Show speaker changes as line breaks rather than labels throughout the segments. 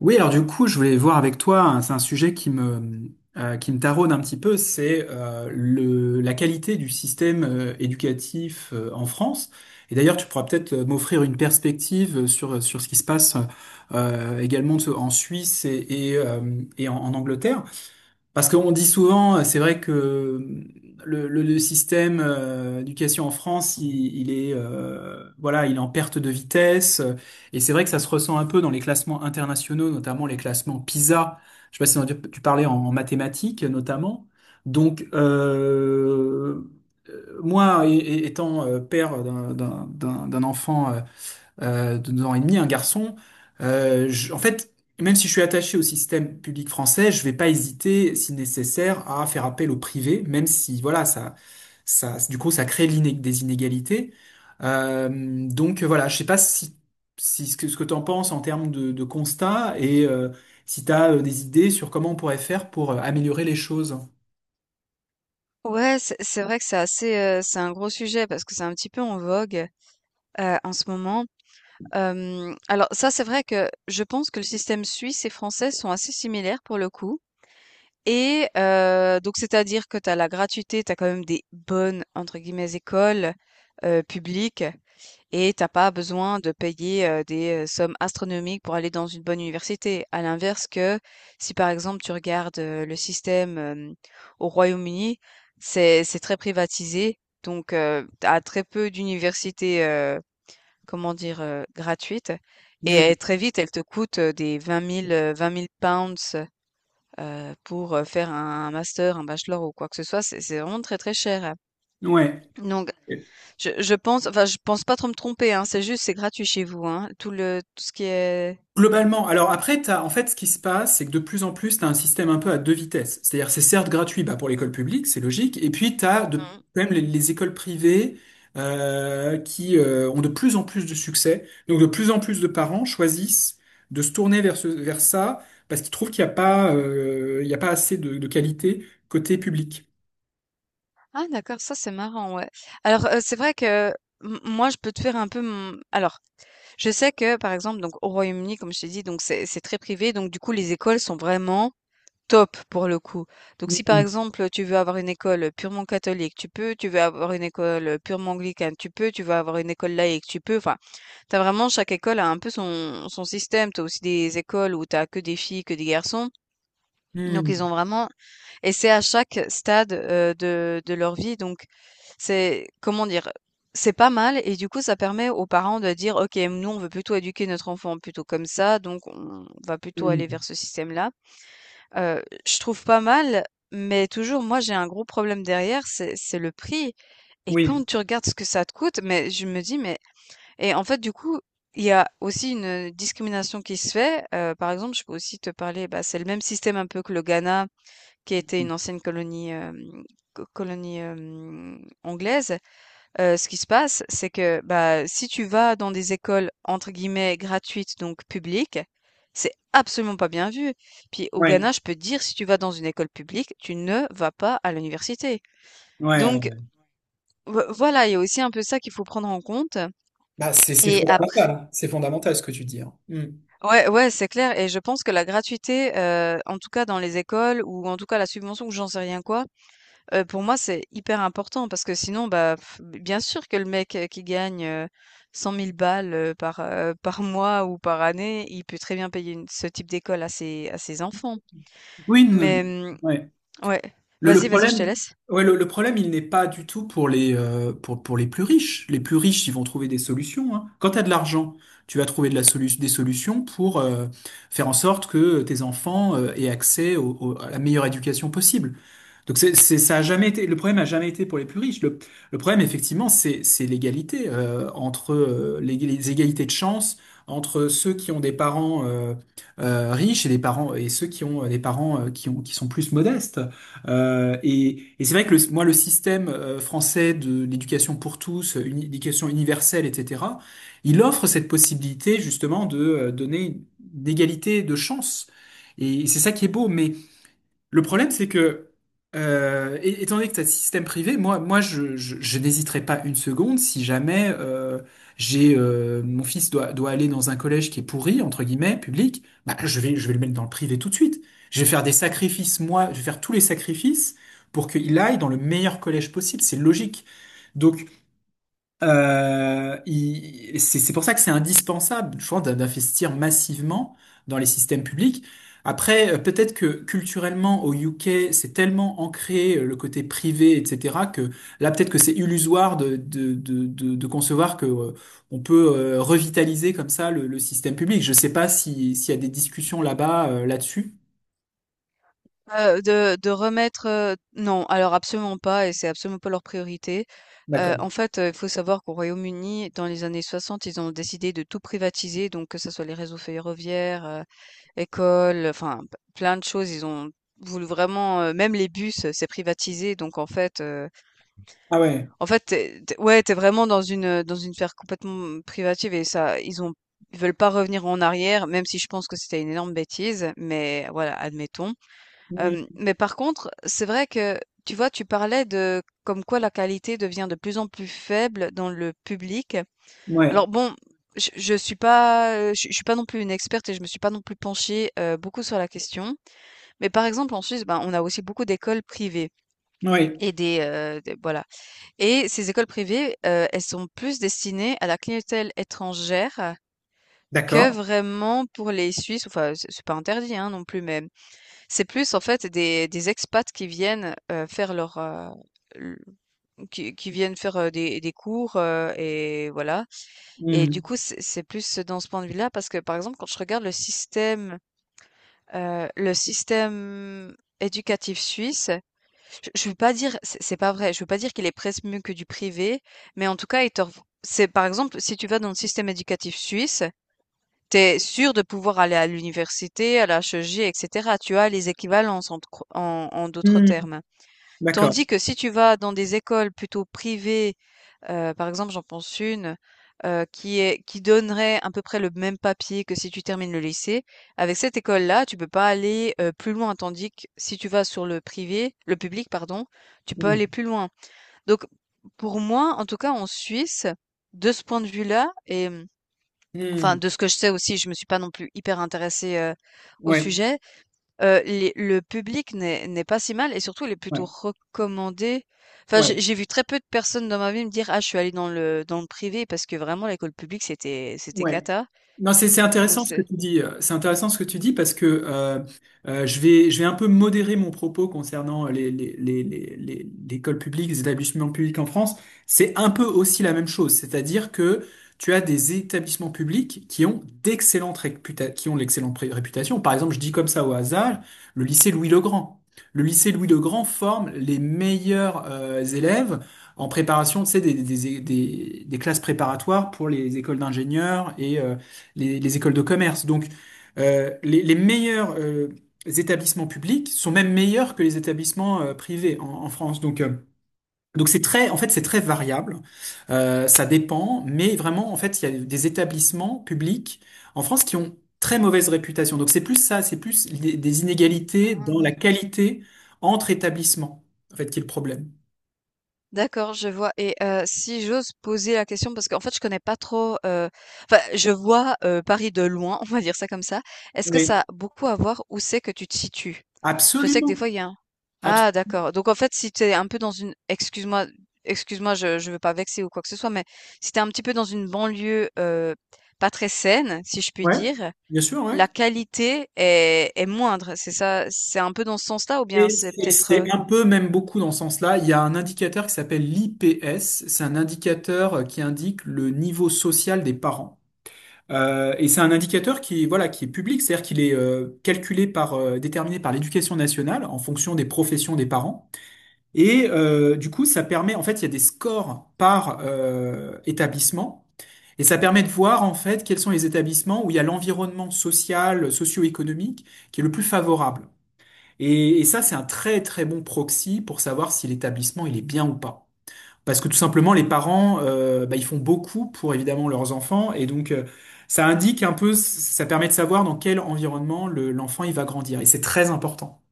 Oui, alors du coup, je voulais voir avec toi, hein, c'est un sujet qui me taraude un petit peu, c'est la qualité du système éducatif en France. Et d'ailleurs, tu pourras peut-être m'offrir une perspective sur ce qui se passe également en Suisse et en Angleterre. Parce qu'on dit souvent, c'est vrai que le système d'éducation en France, il est voilà, il est en perte de vitesse. Et c'est vrai que ça se ressent un peu dans les classements internationaux, notamment les classements PISA. Je sais pas si tu parlais en mathématiques, notamment. Donc, moi, étant père d'un enfant de 2 ans et demi, un garçon, en fait, même si je suis attaché au système public français, je vais pas hésiter, si nécessaire, à faire appel au privé, même si, voilà, du coup, ça crée des inégalités. Euh, donc voilà, je sais pas si ce que tu en penses en termes de constat et si tu as des idées sur comment on pourrait faire pour améliorer les choses.
Ouais, c'est vrai que c'est assez, c'est un gros sujet parce que c'est un petit peu en vogue, en ce moment. Alors ça, c'est vrai que je pense que le système suisse et français sont assez similaires pour le coup et donc c'est-à-dire que tu as la gratuité, tu as quand même des «bonnes» entre guillemets écoles, publiques. Et t'as pas besoin de payer, des, sommes astronomiques pour aller dans une bonne université. À l'inverse que, si par exemple tu regardes, le système, au Royaume-Uni, c'est très privatisé, donc tu très peu d'universités, comment dire? Gratuites et
Mm.
elles très vite, elles te coûtent, des 20 000, £20 000, pour, faire un master, un bachelor ou quoi que ce soit. C'est vraiment très, très cher.
Ouais.
Donc je pense enfin, je pense pas trop me tromper, hein, c'est juste, c'est gratuit chez vous, hein, tout ce qui est.
Globalement, alors après, t'as, en fait, ce qui se passe, c'est que de plus en plus, tu as un système un peu à deux vitesses. C'est-à-dire, c'est certes gratuit bah, pour l'école publique, c'est logique, et puis tu as
Mmh.
quand même les écoles privées qui ont de plus en plus de succès. Donc, de plus en plus de parents choisissent de se tourner vers ça parce qu'ils trouvent qu'il n'y a pas, il y a pas assez de qualité côté public.
Ah, d'accord, ça c'est marrant, ouais. Alors, c'est vrai que m moi, je peux te faire un peu mon alors, je sais que, par exemple, donc au Royaume-Uni, comme je t'ai dit, donc c'est très privé, donc du coup, les écoles sont vraiment top pour le coup. Donc si par
Mm,
exemple tu veux avoir une école purement catholique, tu peux, tu veux avoir une école purement anglicane, tu peux, tu veux avoir une école laïque, tu peux, enfin, t'as vraiment, chaque école a un peu son système, t'as aussi des écoles où t'as que des filles, que des garçons, donc ils
mm,
ont vraiment, et c'est à chaque stade de leur vie, donc c'est, comment dire, c'est pas mal, et du coup ça permet aux parents de dire, ok, nous on veut plutôt éduquer notre enfant plutôt comme ça, donc on va plutôt
mm.
aller vers ce système-là. Je trouve pas mal, mais toujours moi j'ai un gros problème derrière, c'est le prix et
Oui,
quand tu regardes ce que ça te coûte, mais je me dis: «Mais» et en fait du coup, il y a aussi une discrimination qui se fait, par exemple, je peux aussi te parler, bah, c'est le même système un peu que le Ghana qui était une ancienne colonie, hem, co colonie, anglaise. Ce qui se passe, c'est que, bah, si tu vas dans des écoles entre guillemets «gratuites», donc publiques, c'est absolument pas bien vu. Puis au
ouais,
Ghana, je peux te dire, si tu vas dans une école publique, tu ne vas pas à l'université.
ouais.
Donc
Ouais.
voilà, il y a aussi un peu ça qu'il faut prendre en compte
Bah, c'est
et après
fondamental, c'est fondamental ce que tu dis, hein. Hmm.
ouais, ouais, c'est clair et je pense que la gratuité, en tout cas dans les écoles ou en tout cas la subvention ou j'en sais rien quoi. Pour moi, c'est hyper important parce que sinon, bah, f bien sûr que le mec, qui gagne, 100 000 balles, par, par mois ou par année, il peut très bien payer une ce type d'école à ses enfants.
Oui, non,
Mais, mmh,
ouais.
ouais.
Le
Vas-y, vas-y, je te
problème,
laisse.
ouais, le problème, il n'est pas du tout pour les plus riches. Les plus riches, ils vont trouver des solutions, hein. Quand tu as de l'argent, tu vas trouver des solutions pour faire en sorte que tes enfants aient accès à la meilleure éducation possible. Donc ça a jamais été, le problème a jamais été pour les plus riches. Le problème, effectivement, c'est l'égalité entre les égalités de chance entre ceux qui ont des parents riches et ceux qui ont des parents qui sont plus modestes. Et c'est vrai que moi, le système français de l'éducation pour tous, une éducation universelle, etc., il offre cette possibilité justement de donner d'égalité de chance. Et c'est ça qui est beau, mais le problème, c'est que, étant donné que c'est un système privé, moi, je n'hésiterai pas une seconde si jamais j'ai mon fils doit aller dans un collège qui est pourri, entre guillemets, public, bah, je vais le mettre dans le privé tout de suite. Je vais faire des sacrifices, moi, je vais faire tous les sacrifices pour qu'il aille dans le meilleur collège possible. C'est logique. Donc, c'est pour ça que c'est indispensable, je pense, d'investir massivement dans les systèmes publics. Après, peut-être que culturellement au UK, c'est tellement ancré le côté privé, etc., que là, peut-être que c'est illusoire de concevoir que on peut revitaliser comme ça le système public. Je sais pas si s'il y a des discussions là-bas, là-dessus.
De remettre, non, alors absolument pas et c'est absolument pas leur priorité.
D'accord.
En fait, il faut savoir qu'au Royaume-Uni, dans les années 60, ils ont décidé de tout privatiser, donc que ce soit les réseaux ferroviaires, écoles, enfin p plein de choses. Ils ont voulu vraiment, même les bus, c'est privatisé donc
Ah ouais.
en fait, tu es ouais, t'es vraiment dans une sphère complètement privative et ça ils veulent pas revenir en arrière, même si je pense que c'était une énorme bêtise, mais voilà, admettons.
Mm.
Mais par contre, c'est vrai que, tu vois, tu parlais de comme quoi la qualité devient de plus en plus faible dans le public.
Ouais.
Alors bon, je suis pas, je suis pas non plus une experte et je me suis pas non plus penchée, beaucoup sur la question. Mais par exemple, en Suisse, ben, on a aussi beaucoup d'écoles privées
Ouais.
et des voilà. Et ces écoles privées, elles sont plus destinées à la clientèle étrangère que
D'accord.
vraiment pour les Suisses. Enfin, c'est pas interdit, hein, non plus, mais c'est plus en fait des expats qui viennent, faire leur, l qui viennent faire, des cours, et voilà. Et
Mm.
du coup, c'est plus dans ce point de vue-là parce que, par exemple, quand je regarde le système éducatif suisse, je veux pas dire c'est pas vrai, je veux pas dire qu'il est presque mieux que du privé, mais en tout cas, il t'offre c'est par exemple, si tu vas dans le système éducatif suisse, tu es sûr de pouvoir aller à l'université, à la HEG, et cetera. Tu as les équivalences en d'autres
Mm.
termes.
D'accord.
Tandis que si tu vas dans des écoles plutôt privées, par exemple, j'en pense une qui donnerait à peu près le même papier que si tu termines le lycée. Avec cette école-là, tu peux pas aller plus loin. Tandis que si tu vas sur le privé, le public, pardon, tu peux aller
Mm.
plus loin. Donc, pour moi, en tout cas, en Suisse, de ce point de vue-là, et enfin,
Mm.
de ce que je sais aussi, je me suis pas non plus hyper intéressée, au
Ouais.
sujet. Les Le public n'est pas si mal et surtout, il est plutôt
Ouais,
recommandé. Enfin,
ouais,
j'ai vu très peu de personnes dans ma vie me dire: «Ah, je suis allée dans le privé» parce que vraiment l'école publique, c'était
ouais.
cata.
Non, c'est
Donc
intéressant ce que
c'est
tu dis. C'est intéressant ce que tu dis parce que je vais un peu modérer mon propos concernant l'école publique, les établissements publics en France. C'est un peu aussi la même chose, c'est-à-dire que tu as des établissements publics qui ont l'excellente réputation. Par exemple, je dis comme ça au hasard, le lycée Louis-le-Grand. Le lycée Louis-le-Grand forme les meilleurs élèves en préparation, tu sais, des classes préparatoires pour les écoles d'ingénieurs et, les écoles de commerce. Donc, les meilleurs établissements publics sont même meilleurs que les établissements privés en France. Donc c'est très, en fait, c'est très variable. Ça dépend, mais vraiment, en fait, il y a des établissements publics en France qui ont très mauvaise réputation. Donc, c'est plus ça, c'est plus des inégalités dans la
Ah,
qualité entre établissements, en fait, qui est le problème.
d'accord, je vois et si j'ose poser la question parce qu'en fait, je connais pas trop, enfin, je vois, Paris de loin, on va dire ça comme ça. Est-ce que ça a
Oui.
beaucoup à voir où c'est que tu te situes? Je sais que des
Absolument.
fois, il y a un.
Abs-
Ah, d'accord. Donc en fait, si tu es un peu dans une excuse-moi, excuse-moi, je veux pas vexer ou quoi que ce soit, mais si tu es un petit peu dans une banlieue, pas très saine, si je puis
ouais.
dire,
Bien sûr, ouais.
la qualité est moindre. C'est ça? C'est un peu dans ce sens-là ou bien
Et
c'est
C'est
peut-être,
c'est un peu, même beaucoup dans ce sens-là. Il y a un indicateur qui s'appelle l'IPS. C'est un indicateur qui indique le niveau social des parents. Et c'est un indicateur qui, voilà, qui est public, c'est-à-dire qu'il est calculé par, déterminé par l'Éducation nationale en fonction des professions des parents. Et du coup, ça permet, en fait, il y a des scores par établissement. Et ça permet de voir en fait quels sont les établissements où il y a l'environnement social, socio-économique qui est le plus favorable. Et ça, c'est un très très bon proxy pour savoir si l'établissement il est bien ou pas. Parce que tout simplement, les parents, bah, ils font beaucoup pour évidemment leurs enfants, et donc ça indique un peu, ça permet de savoir dans quel environnement l'enfant il va grandir, et c'est très important.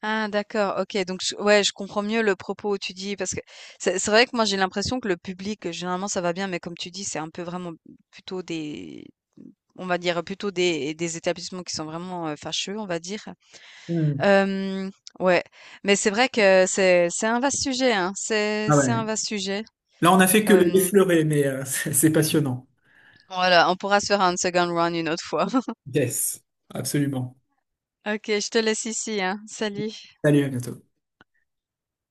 ah, d'accord, OK, donc je ouais, je comprends mieux le propos où tu dis parce que c'est vrai que moi j'ai l'impression que le public, généralement ça va bien, mais comme tu dis, c'est un peu vraiment plutôt des on va dire plutôt des établissements qui sont vraiment, fâcheux, on va dire.
Hmm.
Hem, ouais, mais c'est vrai que c'est un vaste sujet, hein. C'est
Ah
c'est un
ouais.
vaste sujet.
Là, on a fait que
Hem,
l'effleurer, mais c'est passionnant.
voilà, on pourra se faire un second round une autre fois.
Yes, absolument.
OK, je te laisse ici, hein. Salut.
Salut, à bientôt.